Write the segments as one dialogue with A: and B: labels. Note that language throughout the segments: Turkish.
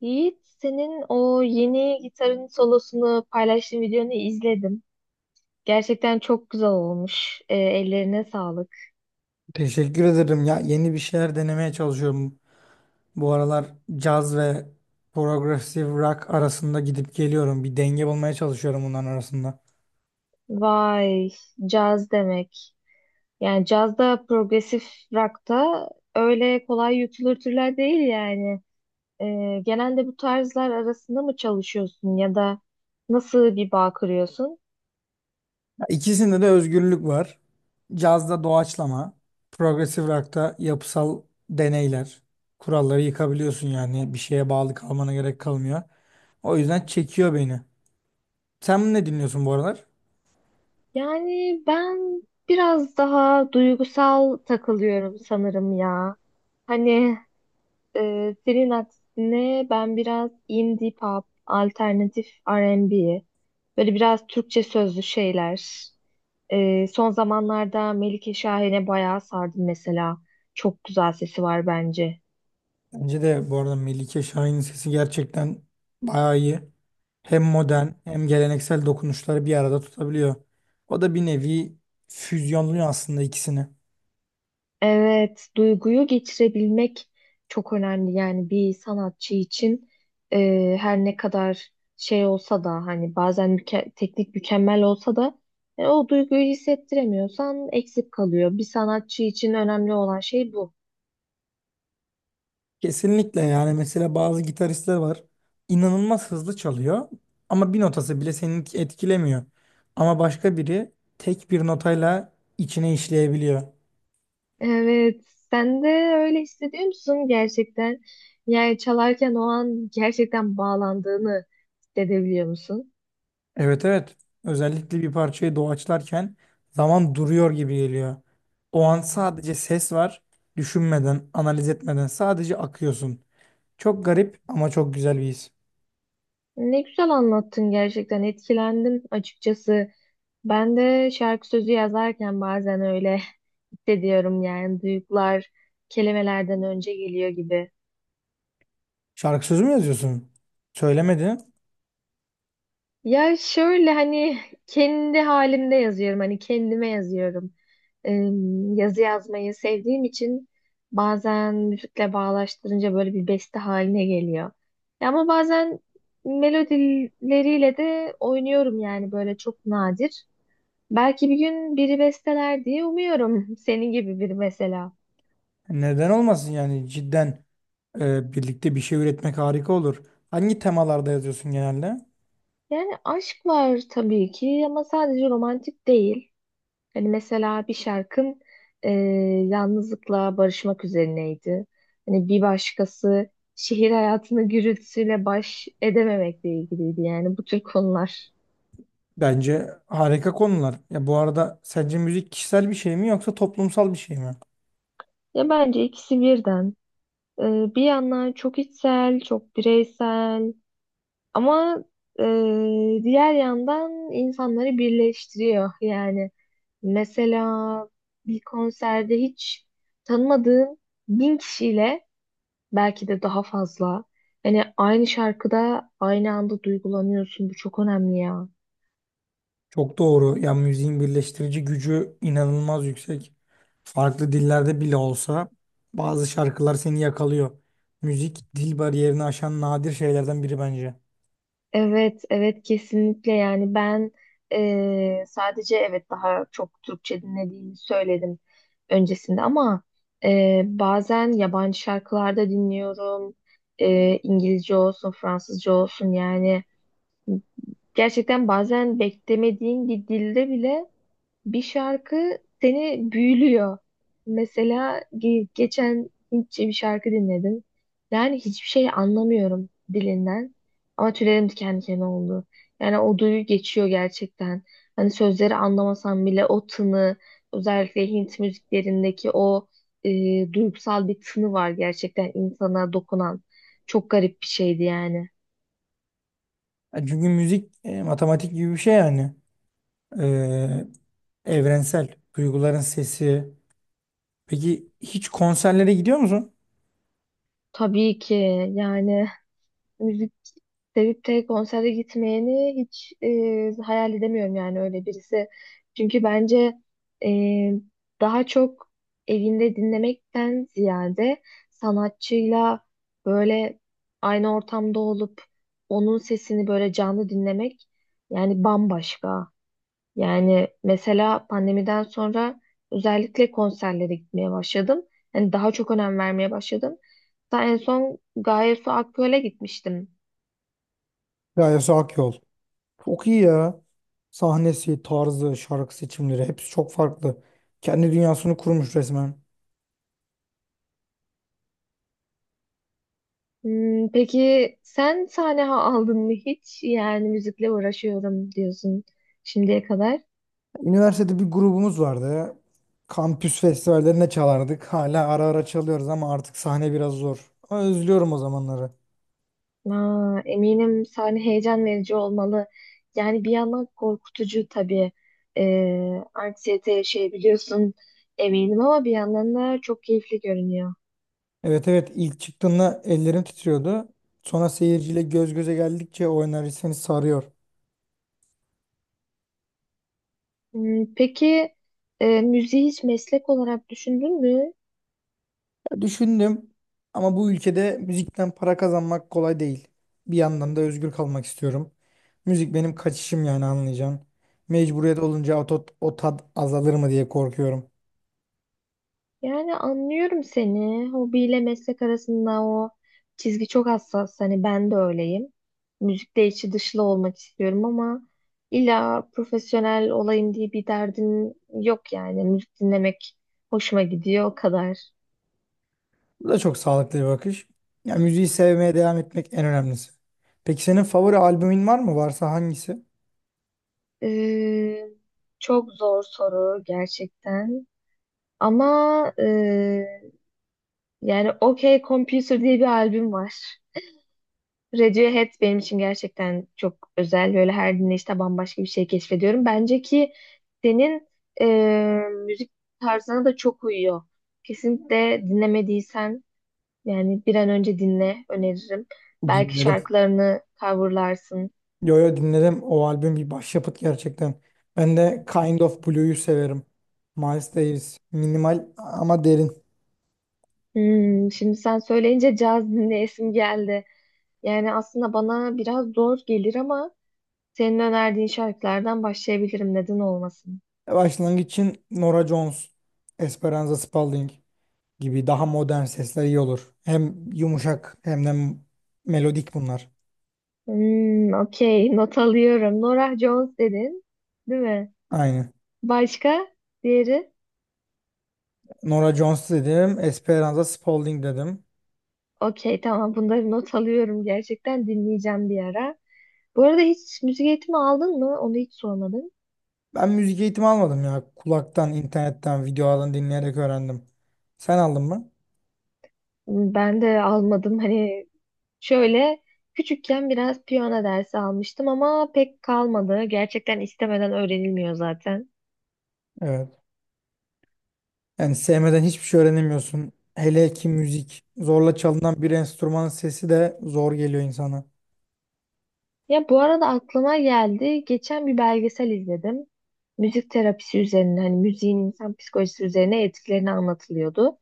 A: Yiğit, senin o yeni gitarın solosunu paylaştığın videonu izledim. Gerçekten çok güzel olmuş. Ellerine sağlık.
B: Teşekkür ederim. Ya yeni bir şeyler denemeye çalışıyorum. Bu aralar caz ve progressive rock arasında gidip geliyorum. Bir denge bulmaya çalışıyorum bunların arasında.
A: Vay, caz demek. Yani cazda progresif rock'ta öyle kolay yutulur türler değil yani. Genelde bu tarzlar arasında mı çalışıyorsun ya da nasıl bir bağ kuruyorsun?
B: Ya İkisinde de özgürlük var. Cazda doğaçlama, progressive rock'ta yapısal deneyler. Kuralları yıkabiliyorsun yani bir şeye bağlı kalmana gerek kalmıyor. O yüzden çekiyor beni. Sen ne dinliyorsun bu aralar?
A: Yani ben biraz daha duygusal takılıyorum sanırım ya. Hani senin aksine ben biraz indie pop, alternatif R&B, böyle biraz Türkçe sözlü şeyler. Son zamanlarda Melike Şahin'e bayağı sardım mesela. Çok güzel sesi var bence.
B: Bence de bu arada Melike Şahin'in sesi gerçekten bayağı iyi. Hem modern hem geleneksel dokunuşları bir arada tutabiliyor. O da bir nevi füzyonluyor aslında ikisini.
A: Evet, duyguyu geçirebilmek çok önemli. Yani bir sanatçı için her ne kadar şey olsa da hani bazen teknik mükemmel olsa da o duyguyu hissettiremiyorsan eksik kalıyor. Bir sanatçı için önemli olan şey bu.
B: Kesinlikle yani mesela bazı gitaristler var. İnanılmaz hızlı çalıyor ama bir notası bile seni etkilemiyor. Ama başka biri tek bir notayla içine işleyebiliyor.
A: Evet, sen de öyle hissediyor musun gerçekten? Yani çalarken o an gerçekten bağlandığını hissedebiliyor musun?
B: Evet evet. Özellikle bir parçayı doğaçlarken zaman duruyor gibi geliyor. O an sadece ses var. Düşünmeden, analiz etmeden sadece akıyorsun. Çok garip ama çok güzel bir his.
A: Ne güzel anlattın, gerçekten etkilendim açıkçası. Ben de şarkı sözü yazarken bazen öyle hissediyorum, yani duygular kelimelerden önce geliyor gibi.
B: Şarkı sözü mü yazıyorsun? Söylemedi.
A: Ya şöyle, hani kendi halimde yazıyorum, hani kendime yazıyorum. Ee, Yazı yazmayı sevdiğim için bazen müzikle bağdaştırınca böyle bir beste haline geliyor. Ya ama bazen melodileriyle de oynuyorum yani böyle çok nadir. Belki bir gün biri besteler diye umuyorum. Senin gibi biri mesela.
B: Neden olmasın yani cidden birlikte bir şey üretmek harika olur. Hangi temalarda yazıyorsun genelde?
A: Yani aşk var tabii ki ama sadece romantik değil. Hani mesela bir şarkın e, yalnızlıkla barışmak üzerineydi. Hani bir başkası şehir hayatını gürültüsüyle baş edememekle ilgiliydi. Yani bu tür konular.
B: Bence harika konular. Ya bu arada sence müzik kişisel bir şey mi yoksa toplumsal bir şey mi?
A: Ya bence ikisi birden. E, Bir yandan çok içsel, çok bireysel. Ama e, diğer yandan insanları birleştiriyor. Yani mesela bir konserde hiç tanımadığın bin kişiyle, belki de daha fazla. Yani aynı şarkıda aynı anda duygulanıyorsun. Bu çok önemli ya.
B: Çok doğru. Ya müziğin birleştirici gücü inanılmaz yüksek. Farklı dillerde bile olsa bazı şarkılar seni yakalıyor. Müzik dil bariyerini aşan nadir şeylerden biri bence.
A: Evet, evet kesinlikle, yani ben sadece evet, daha çok Türkçe dinlediğimi söyledim öncesinde ama bazen yabancı şarkılarda dinliyorum. İngilizce olsun, Fransızca olsun, yani gerçekten bazen beklemediğin bir dilde bile bir şarkı seni büyülüyor. Mesela geçen Hintçe bir şarkı dinledim. Yani hiçbir şey anlamıyorum dilinden. Ama tüylerim diken diken oldu. Yani o duyu geçiyor gerçekten. Hani sözleri anlamasam bile o tını, özellikle Hint müziklerindeki o duygusal bir tını var gerçekten insana dokunan. Çok garip bir şeydi yani.
B: Ya Çünkü müzik matematik gibi bir şey yani. E, Evrensel. Duyguların sesi. Peki hiç konserlere gidiyor musun?
A: Tabii ki, yani müzik sevip de konsere gitmeyeni hiç hayal edemiyorum, yani öyle birisi. Çünkü bence e, daha çok evinde dinlemekten ziyade sanatçıyla böyle aynı ortamda olup onun sesini böyle canlı dinlemek yani bambaşka. Yani mesela pandemiden sonra özellikle konserlere gitmeye başladım. Yani daha çok önem vermeye başladım. Hatta en son Gaye Su Akgöl'e gitmiştim.
B: Ya Gayesi Akyol. Çok iyi ya. Sahnesi, tarzı, şarkı seçimleri hepsi çok farklı. Kendi dünyasını kurmuş resmen.
A: Hmm, peki sen sahne aldın mı hiç? Yani müzikle uğraşıyorum diyorsun şimdiye kadar.
B: Üniversitede bir grubumuz vardı. Kampüs festivallerine çalardık. Hala ara ara çalıyoruz ama artık sahne biraz zor. Ama özlüyorum o zamanları.
A: Aa, eminim sahne heyecan verici olmalı. Yani bir yandan korkutucu tabii. Anksiyete yaşayabiliyorsun eminim, ama bir yandan da çok keyifli görünüyor.
B: Evet evet, ilk çıktığında ellerim titriyordu. Sonra seyirciyle göz göze geldikçe o enerji seni sarıyor.
A: Hmm, peki müziği hiç meslek olarak düşündün mü?
B: Düşündüm ama bu ülkede müzikten para kazanmak kolay değil. Bir yandan da özgür kalmak istiyorum. Müzik benim kaçışım yani anlayacaksın. Mecburiyet olunca o tat azalır mı diye korkuyorum.
A: Yani anlıyorum seni. Hobiyle meslek arasında o çizgi çok hassas. Hani ben de öyleyim. Müzikle içi dışlı olmak istiyorum ama illa profesyonel olayım diye bir derdin yok yani. Müzik dinlemek hoşuma gidiyor o kadar.
B: Bu da çok sağlıklı bir bakış. Ya müziği sevmeye devam etmek en önemlisi. Peki senin favori albümün var mı? Varsa hangisi?
A: Ee, Çok zor soru gerçekten. Ama yani OK Computer diye bir albüm var. Radiohead benim için gerçekten çok özel. Böyle her dinleyişte bambaşka bir şey keşfediyorum. Bence ki senin e, müzik tarzına da çok uyuyor. Kesinlikle dinlemediysen yani bir an önce dinle, öneririm. Belki
B: Dinledim.
A: şarkılarını coverlarsın.
B: Yo yo, dinledim. O albüm bir başyapıt gerçekten. Ben de Kind of Blue'yu severim. Miles Davis. Minimal ama derin.
A: Hmm, şimdi sen söyleyince caz dinleyesim geldi. Yani aslında bana biraz zor gelir ama senin önerdiğin şarkılardan başlayabilirim. Neden olmasın?
B: Başlangıç için Norah Jones, Esperanza Spalding gibi daha modern sesler iyi olur. Hem yumuşak hem de melodik bunlar.
A: Hmm, okey. Not alıyorum. Norah Jones dedin. Değil mi?
B: Aynı.
A: Başka? Diğeri?
B: Norah Jones dedim, Esperanza Spalding dedim.
A: Okey, tamam. Bunları not alıyorum. Gerçekten dinleyeceğim bir ara. Bu arada hiç müzik eğitimi aldın mı? Onu hiç sormadım.
B: Ben müzik eğitimi almadım ya. Kulaktan, internetten, videolardan dinleyerek öğrendim. Sen aldın mı?
A: Hmm, ben de almadım. Hani şöyle küçükken biraz piyano dersi almıştım ama pek kalmadı. Gerçekten istemeden öğrenilmiyor zaten.
B: Evet. Yani sevmeden hiçbir şey öğrenemiyorsun. Hele ki müzik. Zorla çalınan bir enstrümanın sesi de zor geliyor insana.
A: Ya bu arada aklıma geldi. Geçen bir belgesel izledim. Müzik terapisi üzerine, hani müziğin insan psikolojisi üzerine etkilerini anlatılıyordu.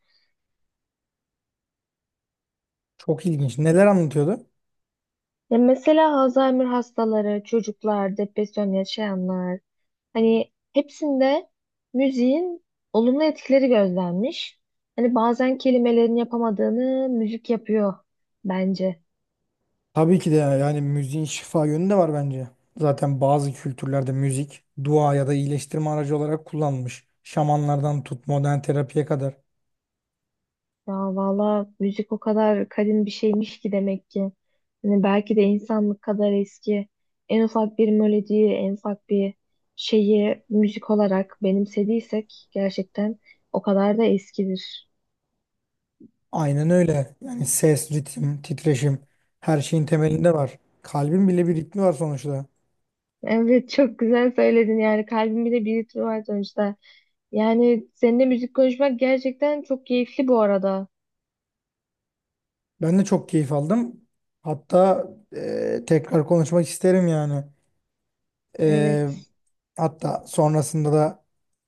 B: Çok ilginç. Neler anlatıyordu?
A: Ya mesela Alzheimer hastaları, çocuklar, depresyon yaşayanlar, hani hepsinde müziğin olumlu etkileri gözlenmiş. Hani bazen kelimelerin yapamadığını müzik yapıyor bence.
B: Tabii ki de yani müziğin şifa yönü de var bence. Zaten bazı kültürlerde müzik dua ya da iyileştirme aracı olarak kullanılmış. Şamanlardan tut modern terapiye kadar.
A: Ya valla müzik o kadar kadim bir şeymiş ki, demek ki. Hani belki de insanlık kadar eski. En ufak bir melodiyi, en ufak bir şeyi müzik olarak benimsediysek gerçekten o kadar da eskidir.
B: Aynen öyle. Yani ses, ritim, titreşim her şeyin temelinde var. Kalbin bile bir ritmi var sonuçta.
A: Evet, çok güzel söyledin, yani kalbimde de bir ritmi var sonuçta. Yani seninle müzik konuşmak gerçekten çok keyifli bu arada.
B: Ben de çok keyif aldım. Hatta tekrar konuşmak isterim yani. E,
A: Evet.
B: hatta sonrasında da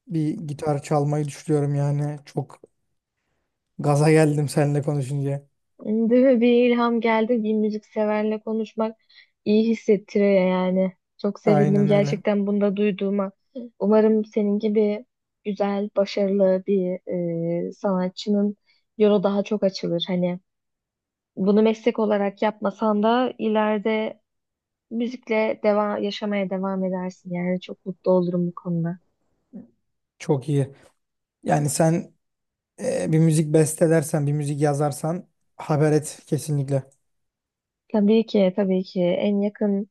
B: bir gitar çalmayı düşünüyorum yani. Çok gaza geldim seninle konuşunca.
A: Değil mi? Bir ilham geldi. Bir müzikseverle konuşmak iyi hissettiriyor yani. Çok sevindim
B: Aynen öyle.
A: gerçekten bunda duyduğuma. Umarım senin gibi güzel, başarılı bir sanatçının yolu daha çok açılır. Hani bunu meslek olarak yapmasan da ileride müzikle devam yaşamaya devam edersin. Yani çok mutlu olurum bu konuda.
B: Çok iyi. Yani sen bir müzik bestelersen, bir müzik yazarsan haber et kesinlikle.
A: Tabii ki, tabii ki en yakın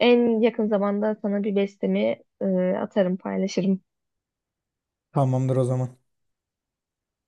A: en yakın zamanda sana bir bestemi e, atarım, paylaşırım.
B: Tamamdır o zaman.